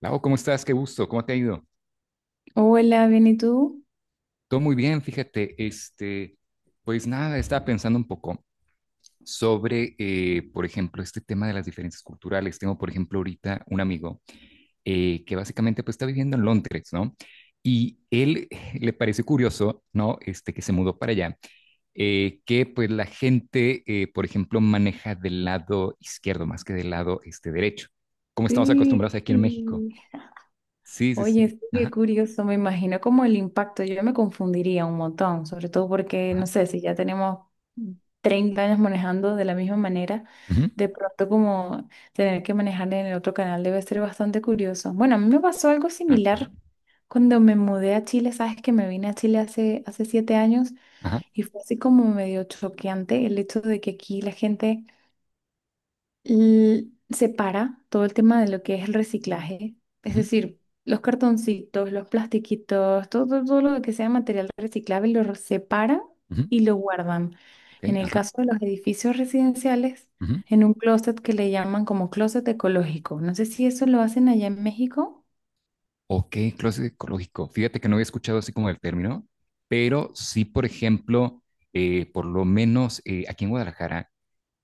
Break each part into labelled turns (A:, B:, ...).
A: Lau, ¿cómo estás? Qué gusto, ¿cómo te ha ido?
B: Hola, ¿bien y tú?
A: Todo muy bien, fíjate, pues nada, estaba pensando un poco sobre, por ejemplo, este tema de las diferencias culturales. Tengo, por ejemplo, ahorita un amigo que básicamente pues está viviendo en Londres, ¿no? Y él le pareció curioso, ¿no? Que se mudó para allá, que pues la gente, por ejemplo, maneja del lado izquierdo más que del lado derecho, como estamos
B: Sí.
A: acostumbrados aquí en México. Sí, sí,
B: Oye,
A: sí.
B: sí, qué
A: Ajá,
B: curioso, me imagino como el impacto, yo me confundiría un montón, sobre todo porque,
A: ajá.
B: no sé, si ya tenemos 30 años manejando de la misma manera,
A: Ujú,
B: de pronto como tener que manejar en el otro canal debe ser bastante curioso. Bueno, a mí me pasó algo
A: claro, ajá,
B: similar cuando me mudé a Chile, sabes que me vine a Chile hace 7 años
A: ajá.
B: y fue así como medio choqueante el hecho de que aquí la gente... separa todo el tema de lo que es el reciclaje, es
A: Ujú,
B: decir, los cartoncitos, los plastiquitos, todo lo que sea material reciclable lo separa
A: ujú,
B: y lo guardan.
A: ok,
B: En el
A: ajá.
B: caso de los edificios residenciales,
A: Ujú.
B: en un closet que le llaman como closet ecológico. No sé si eso lo hacen allá en México.
A: Ok, closet ecológico. Fíjate que no había escuchado así como el término, pero sí, por ejemplo, por lo menos aquí en Guadalajara,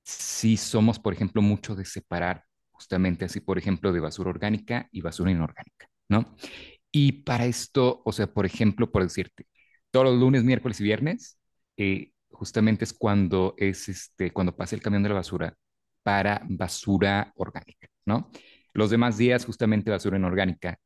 A: sí somos, por ejemplo, mucho de separar justamente así, por ejemplo, de basura orgánica y basura inorgánica, ¿no? Y para esto, o sea, por ejemplo, por decirte, todos los lunes, miércoles y viernes, justamente es cuando es cuando pasa el camión de la basura para basura orgánica, ¿no? Los demás días, justamente basura inorgánica.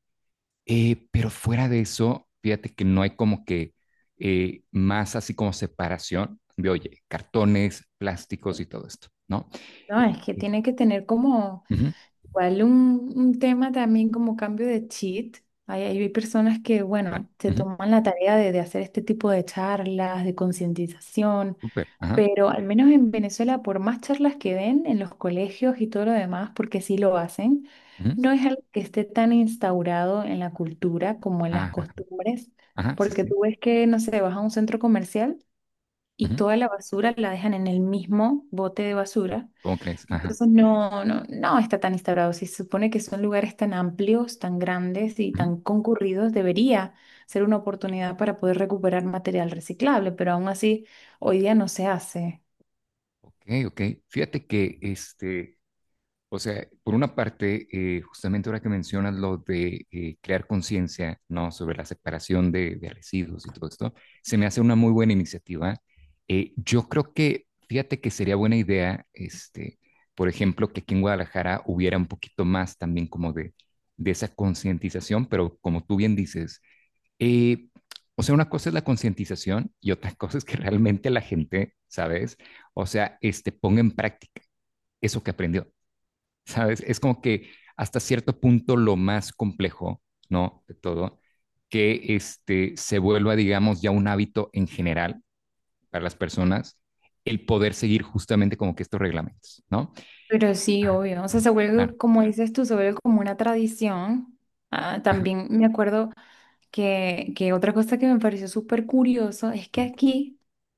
A: Pero fuera de eso, fíjate que no hay como que más así como separación de, oye, cartones, plásticos y todo esto, ¿no?
B: No, es que
A: Este,
B: tiene que tener como
A: Ujú,
B: igual un tema también como cambio de cheat. Hay personas que,
A: claro,
B: bueno, se
A: ujú,
B: toman la tarea de hacer este tipo de charlas, de concientización,
A: súper, ajá,
B: pero al menos en Venezuela, por más charlas que den en los colegios y todo lo demás, porque sí lo hacen,
A: ujú,
B: no es algo que esté tan instaurado en la cultura como en las
A: ajá,
B: costumbres,
A: ajá, sí,
B: porque
A: sí,
B: tú ves que, no sé, vas a un centro comercial y
A: ujú,
B: toda la basura la dejan en el mismo bote de basura,
A: ¿cómo crees? Ajá.
B: entonces no está tan instaurado. Si se supone que son lugares tan amplios, tan grandes y
A: Ujú.
B: tan concurridos, debería ser una oportunidad para poder recuperar material reciclable, pero aún así hoy día no se hace.
A: Ok, ok. Fíjate que, o sea, por una parte, justamente ahora que mencionas lo de crear conciencia, ¿no? Sobre la separación de residuos y todo esto, se me hace una muy buena iniciativa. Yo creo que, fíjate que sería buena idea, por ejemplo, que aquí en Guadalajara hubiera un poquito más también como de esa concientización, pero como tú bien dices. Eh, o sea, una cosa es la concientización y otra cosa es que realmente la gente, ¿sabes? O sea, ponga en práctica eso que aprendió, ¿sabes? Es como que hasta cierto punto lo más complejo, ¿no? De todo, que se vuelva, digamos, ya un hábito en general para las personas el poder seguir justamente como que estos reglamentos, ¿no?
B: Pero sí,
A: Ajá,
B: obvio. O sea, se
A: claro.
B: vuelve, como dices tú, se vuelve como una tradición. Ah, también me acuerdo que otra cosa que me pareció súper curioso es que
A: Ujú,
B: aquí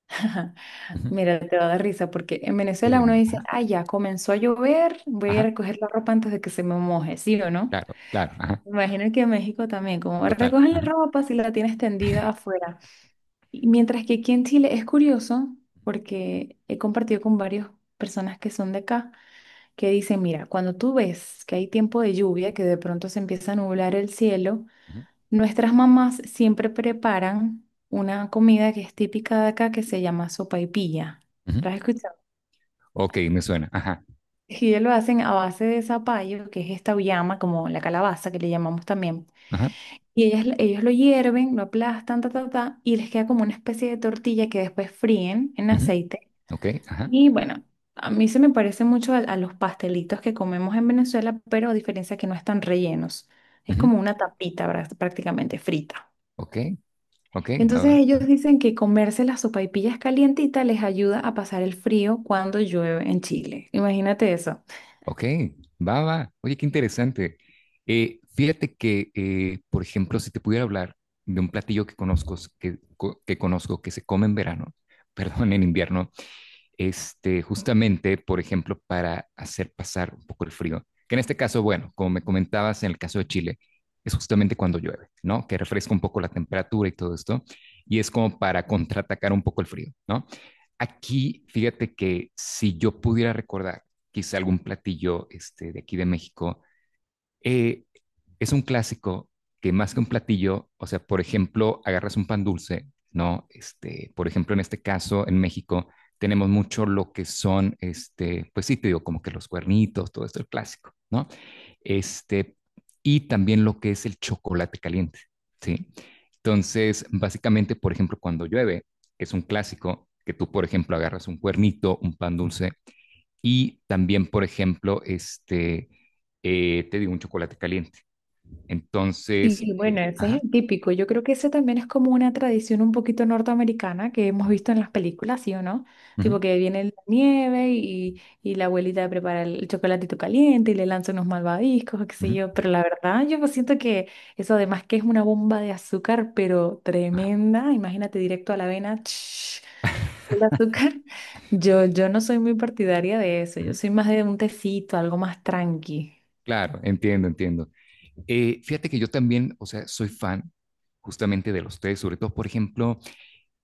A: ujú.
B: mira, te va a dar risa porque en Venezuela
A: Dime,
B: uno
A: dime.
B: dice, ah, ya comenzó a llover, voy a
A: Ajá,
B: recoger la ropa antes de que se me moje, ¿sí o no?
A: claro, claro, ajá,
B: Imagino que en México también, como
A: total.
B: recogen la
A: Ajá,
B: ropa si la tienes tendida afuera. Y mientras que aquí en Chile es curioso porque he compartido con varias personas que son de acá que dicen, mira, cuando tú ves que hay tiempo de lluvia, que de pronto se empieza a nublar el cielo,
A: ujú,
B: nuestras mamás siempre preparan una comida que es típica de acá que se llama sopaipilla.
A: ujú.
B: ¿La has escuchado?
A: Ok, me suena. Ajá.
B: Ellos lo hacen a base de zapallo, que es esta uyama, como la calabaza que le llamamos también.
A: Ajá,
B: Y ellos lo hierven, lo aplastan, ta, ta, ta, y les queda como una especie de tortilla que después fríen en
A: ujú,
B: aceite.
A: ok, ajá,
B: Y bueno, a mí se me parece mucho a los pastelitos que comemos en Venezuela, pero a diferencia que no están rellenos. Es
A: ujú,
B: como una tapita prácticamente frita.
A: ok, ok, va,
B: Entonces ellos
A: va,
B: dicen que comerse las sopaipillas calientitas les ayuda a pasar el frío cuando llueve en Chile. Imagínate eso.
A: ok, va, va. Oye, qué interesante. Fíjate que, por ejemplo, si te pudiera hablar de un platillo que conozco, que conozco, que se come en verano, perdón, en invierno, justamente, por ejemplo, para hacer pasar un poco el frío. Que en este caso, bueno, como me comentabas en el caso de Chile, es justamente cuando llueve, ¿no? Que refresca un poco la temperatura y todo esto. Y es como para contraatacar un poco el frío, ¿no? Aquí, fíjate que si yo pudiera recordar quizá algún platillo de aquí de México, eh, es un clásico que más que un platillo, o sea, por ejemplo, agarras un pan dulce, ¿no? Por ejemplo, en este caso, en México, tenemos mucho lo que son, pues sí, te digo, como que los cuernitos, todo esto, el clásico, ¿no? Este, y también lo que es el chocolate caliente, ¿sí? Entonces, básicamente, por ejemplo, cuando llueve, es un clásico que tú, por ejemplo, agarras un cuernito, un pan dulce y también, por ejemplo, te digo un chocolate caliente. Entonces,
B: Sí, bueno, ese
A: ajá,
B: es el típico. Yo creo que ese también es como una tradición un poquito norteamericana que hemos visto en las películas, ¿sí o no?
A: ujú,
B: Tipo que viene la nieve y la abuelita prepara el chocolatito caliente y le lanza unos malvaviscos, o qué sé
A: ujú,
B: yo. Pero la verdad, yo pues siento que eso además que es una bomba de azúcar, pero
A: ajá,
B: tremenda. Imagínate directo a la avena, ch, full azúcar. Yo no soy muy partidaria de eso. Yo
A: ujú.
B: soy más de un tecito, algo más tranqui.
A: Claro, entiendo, entiendo. Fíjate que yo también, o sea, soy fan justamente de los tés, sobre todo, por ejemplo,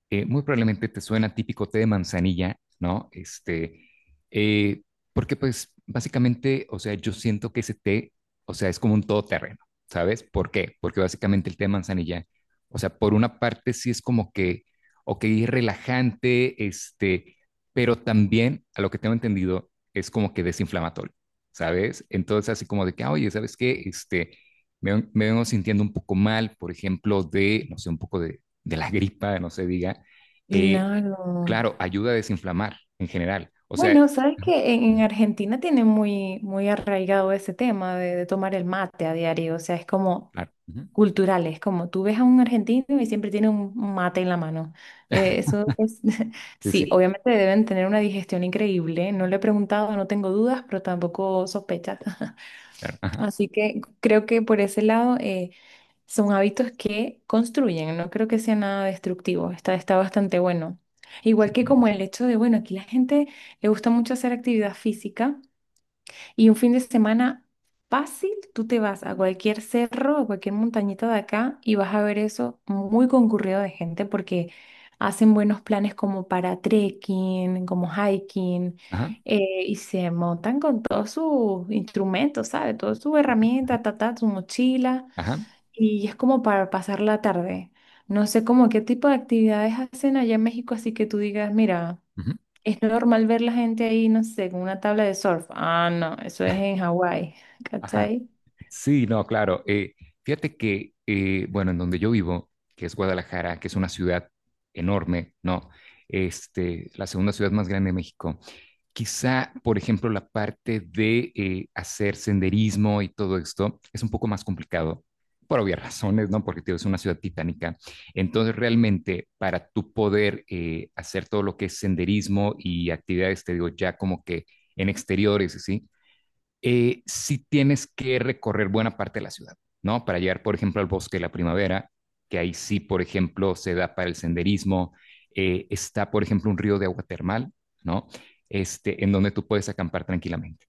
A: muy probablemente te suena típico té de manzanilla, ¿no? Eh, Porque pues básicamente, o sea, yo siento que ese té, o sea, es como un todoterreno, ¿sabes? ¿Por qué? Porque básicamente el té de manzanilla, o sea, por una parte sí es como que, ok, es relajante, pero también, a lo que tengo entendido, es como que desinflamatorio, ¿sabes? Entonces, así como de que, ah, oye, ¿sabes qué? Me vengo sintiendo un poco mal, por ejemplo, de, no sé, un poco de la gripa, no se diga, eh,
B: Claro.
A: claro, ayuda a desinflamar en general. O sea,
B: Bueno, sabes
A: ajá,
B: que en Argentina tiene muy, muy arraigado ese tema de tomar el mate a diario, o sea, es como
A: claro. Ujú,
B: cultural, es como tú ves a un argentino y siempre tiene un mate en la mano. Eso es,
A: sí,
B: sí,
A: sí.
B: obviamente deben tener una digestión increíble, no le he preguntado, no tengo dudas, pero tampoco sospechas.
A: Claro, ajá,
B: Así que creo que por ese lado, son hábitos que construyen, no creo que sea nada destructivo, está bastante bueno. Igual que como el hecho de, bueno, aquí la gente le gusta mucho hacer actividad física y un fin de semana fácil, tú te vas a cualquier cerro, a cualquier montañita de acá y vas a ver eso muy concurrido de gente porque hacen buenos planes como para trekking, como hiking,
A: ajá,
B: y se montan con todos sus instrumentos, ¿sabes? Todas sus herramientas, ta, ta, su mochila.
A: ajá,
B: Y es como para pasar la tarde. No sé cómo qué tipo de actividades hacen allá en México, así que tú digas, mira,
A: ujú,
B: es normal ver la gente ahí, no sé, con una tabla de surf. Ah, no, eso es en Hawái,
A: ajá.
B: ¿cachai?
A: Sí, no, claro. Fíjate que, bueno, en donde yo vivo, que es Guadalajara, que es una ciudad enorme, ¿no? La segunda ciudad más grande de México. Quizá, por ejemplo, la parte de hacer senderismo y todo esto es un poco más complicado por obvias razones, ¿no? Porque tío, es una ciudad titánica. Entonces, realmente, para tú poder hacer todo lo que es senderismo y actividades, te digo, ya como que en exteriores, ¿sí? Sí tienes que recorrer buena parte de la ciudad, ¿no? Para llegar, por ejemplo, al Bosque de la Primavera, que ahí sí, por ejemplo, se da para el senderismo. Está, por ejemplo, un río de agua termal, ¿no? En donde tú puedes acampar tranquilamente.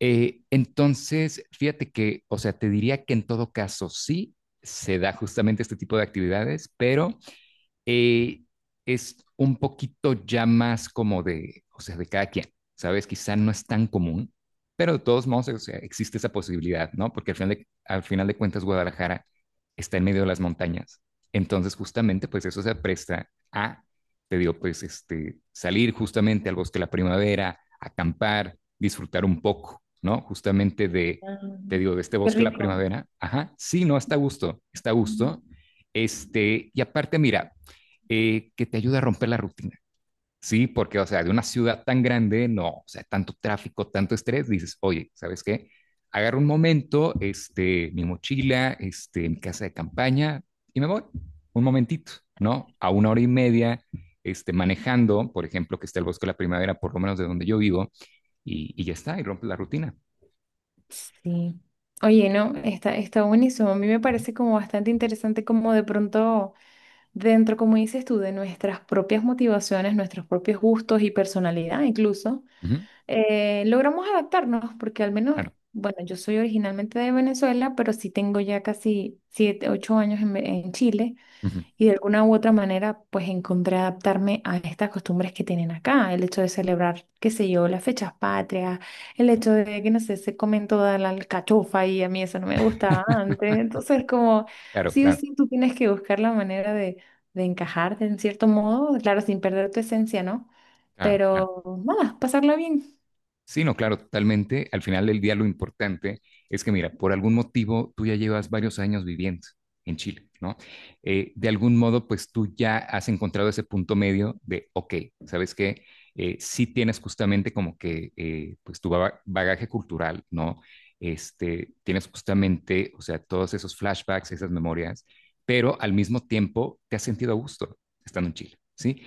A: Entonces, fíjate que, o sea, te diría que en todo caso sí se da justamente este tipo de actividades, pero eh, es un poquito ya más como de, o sea, de cada quien, ¿sabes? Quizá no es tan común, pero de todos modos, o sea, existe esa posibilidad, ¿no? Porque al final de cuentas, Guadalajara está en medio de las montañas. Entonces, justamente, pues eso se presta a, te digo, pues salir justamente al Bosque de la Primavera, acampar, disfrutar un poco, ¿no? Justamente de,
B: Ah,
A: te digo, de este
B: qué
A: Bosque de la
B: rico.
A: Primavera. Ajá, sí, no, está a gusto, está a
B: Mm.
A: gusto. Y aparte, mira, que te ayuda a romper la rutina. Sí, porque, o sea, de una ciudad tan grande, no, o sea, tanto tráfico, tanto estrés, dices, oye, ¿sabes qué? Agarro un momento, mi mochila, mi casa de campaña y me voy un momentito, ¿no? A una hora y media, manejando, por ejemplo, que está el Bosque de la Primavera, por lo menos de donde yo vivo, y ya está, y rompe la rutina.
B: Sí. Oye, no, está, está buenísimo. A mí me parece como bastante interesante como de pronto dentro, como dices tú, de nuestras propias motivaciones, nuestros propios gustos y personalidad incluso.
A: Ujú,
B: Eh, logramos adaptarnos porque al menos,
A: claro,
B: bueno, yo soy originalmente de Venezuela, pero sí tengo ya casi 7, 8 años en, en Chile
A: ujú,
B: y de alguna u otra manera pues encontré adaptarme a estas costumbres que tienen acá, el hecho de celebrar, qué sé yo, las fechas patrias, el hecho de que no sé, se comen toda la alcachofa y a mí eso no me gustaba antes, entonces como
A: claro,
B: sí o
A: claro,
B: sí tú tienes que buscar la manera de encajarte en cierto modo, claro, sin perder tu esencia, ¿no?
A: claro, claro.
B: Pero nada, pasarla bien.
A: Sí, no, claro, totalmente. Al final del día lo importante es que, mira, por algún motivo tú ya llevas varios años viviendo en Chile, ¿no? De algún modo, pues tú ya has encontrado ese punto medio de, ok, ¿sabes qué? Sí tienes justamente como que, pues tu bagaje cultural, ¿no? Tienes justamente, o sea, todos esos flashbacks, esas memorias, pero al mismo tiempo te has sentido a gusto estando en Chile, ¿sí?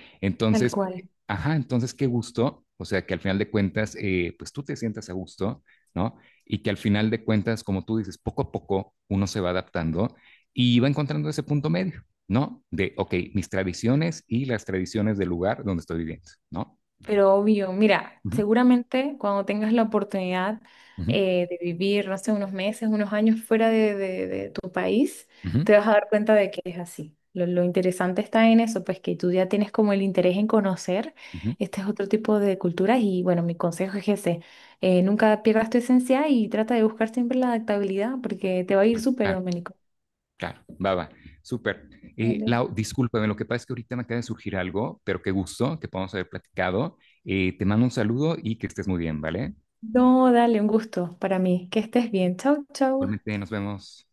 B: Tal
A: Entonces,
B: cual,
A: ajá, entonces qué gusto, o sea, que al final de cuentas, pues tú te sientas a gusto, ¿no? Y que al final de cuentas, como tú dices, poco a poco uno se va adaptando y va encontrando ese punto medio, ¿no? De, ok, mis tradiciones y las tradiciones del lugar donde estoy viviendo, ¿no?
B: pero obvio, mira,
A: Ujú,
B: seguramente cuando tengas la oportunidad
A: ujú,
B: de vivir, no sé, unos meses, unos años fuera de tu país,
A: ujú,
B: te vas a dar cuenta de que es así. Lo interesante está en eso, pues que tú ya tienes como el interés en conocer
A: ujú.
B: este es otro tipo de culturas y bueno, mi consejo es ese, nunca pierdas tu esencia y trata de buscar siempre la adaptabilidad porque te va a ir súper,
A: Claro,
B: Domenico.
A: claro, va, va, súper.
B: Vale.
A: Lau, discúlpame, lo que pasa es que ahorita me acaba de surgir algo, pero qué gusto que podamos haber platicado. Te mando un saludo y que estés muy bien, ¿vale?
B: No, dale, un gusto para mí. Que estés bien. Chau, chau.
A: Igualmente, nos vemos.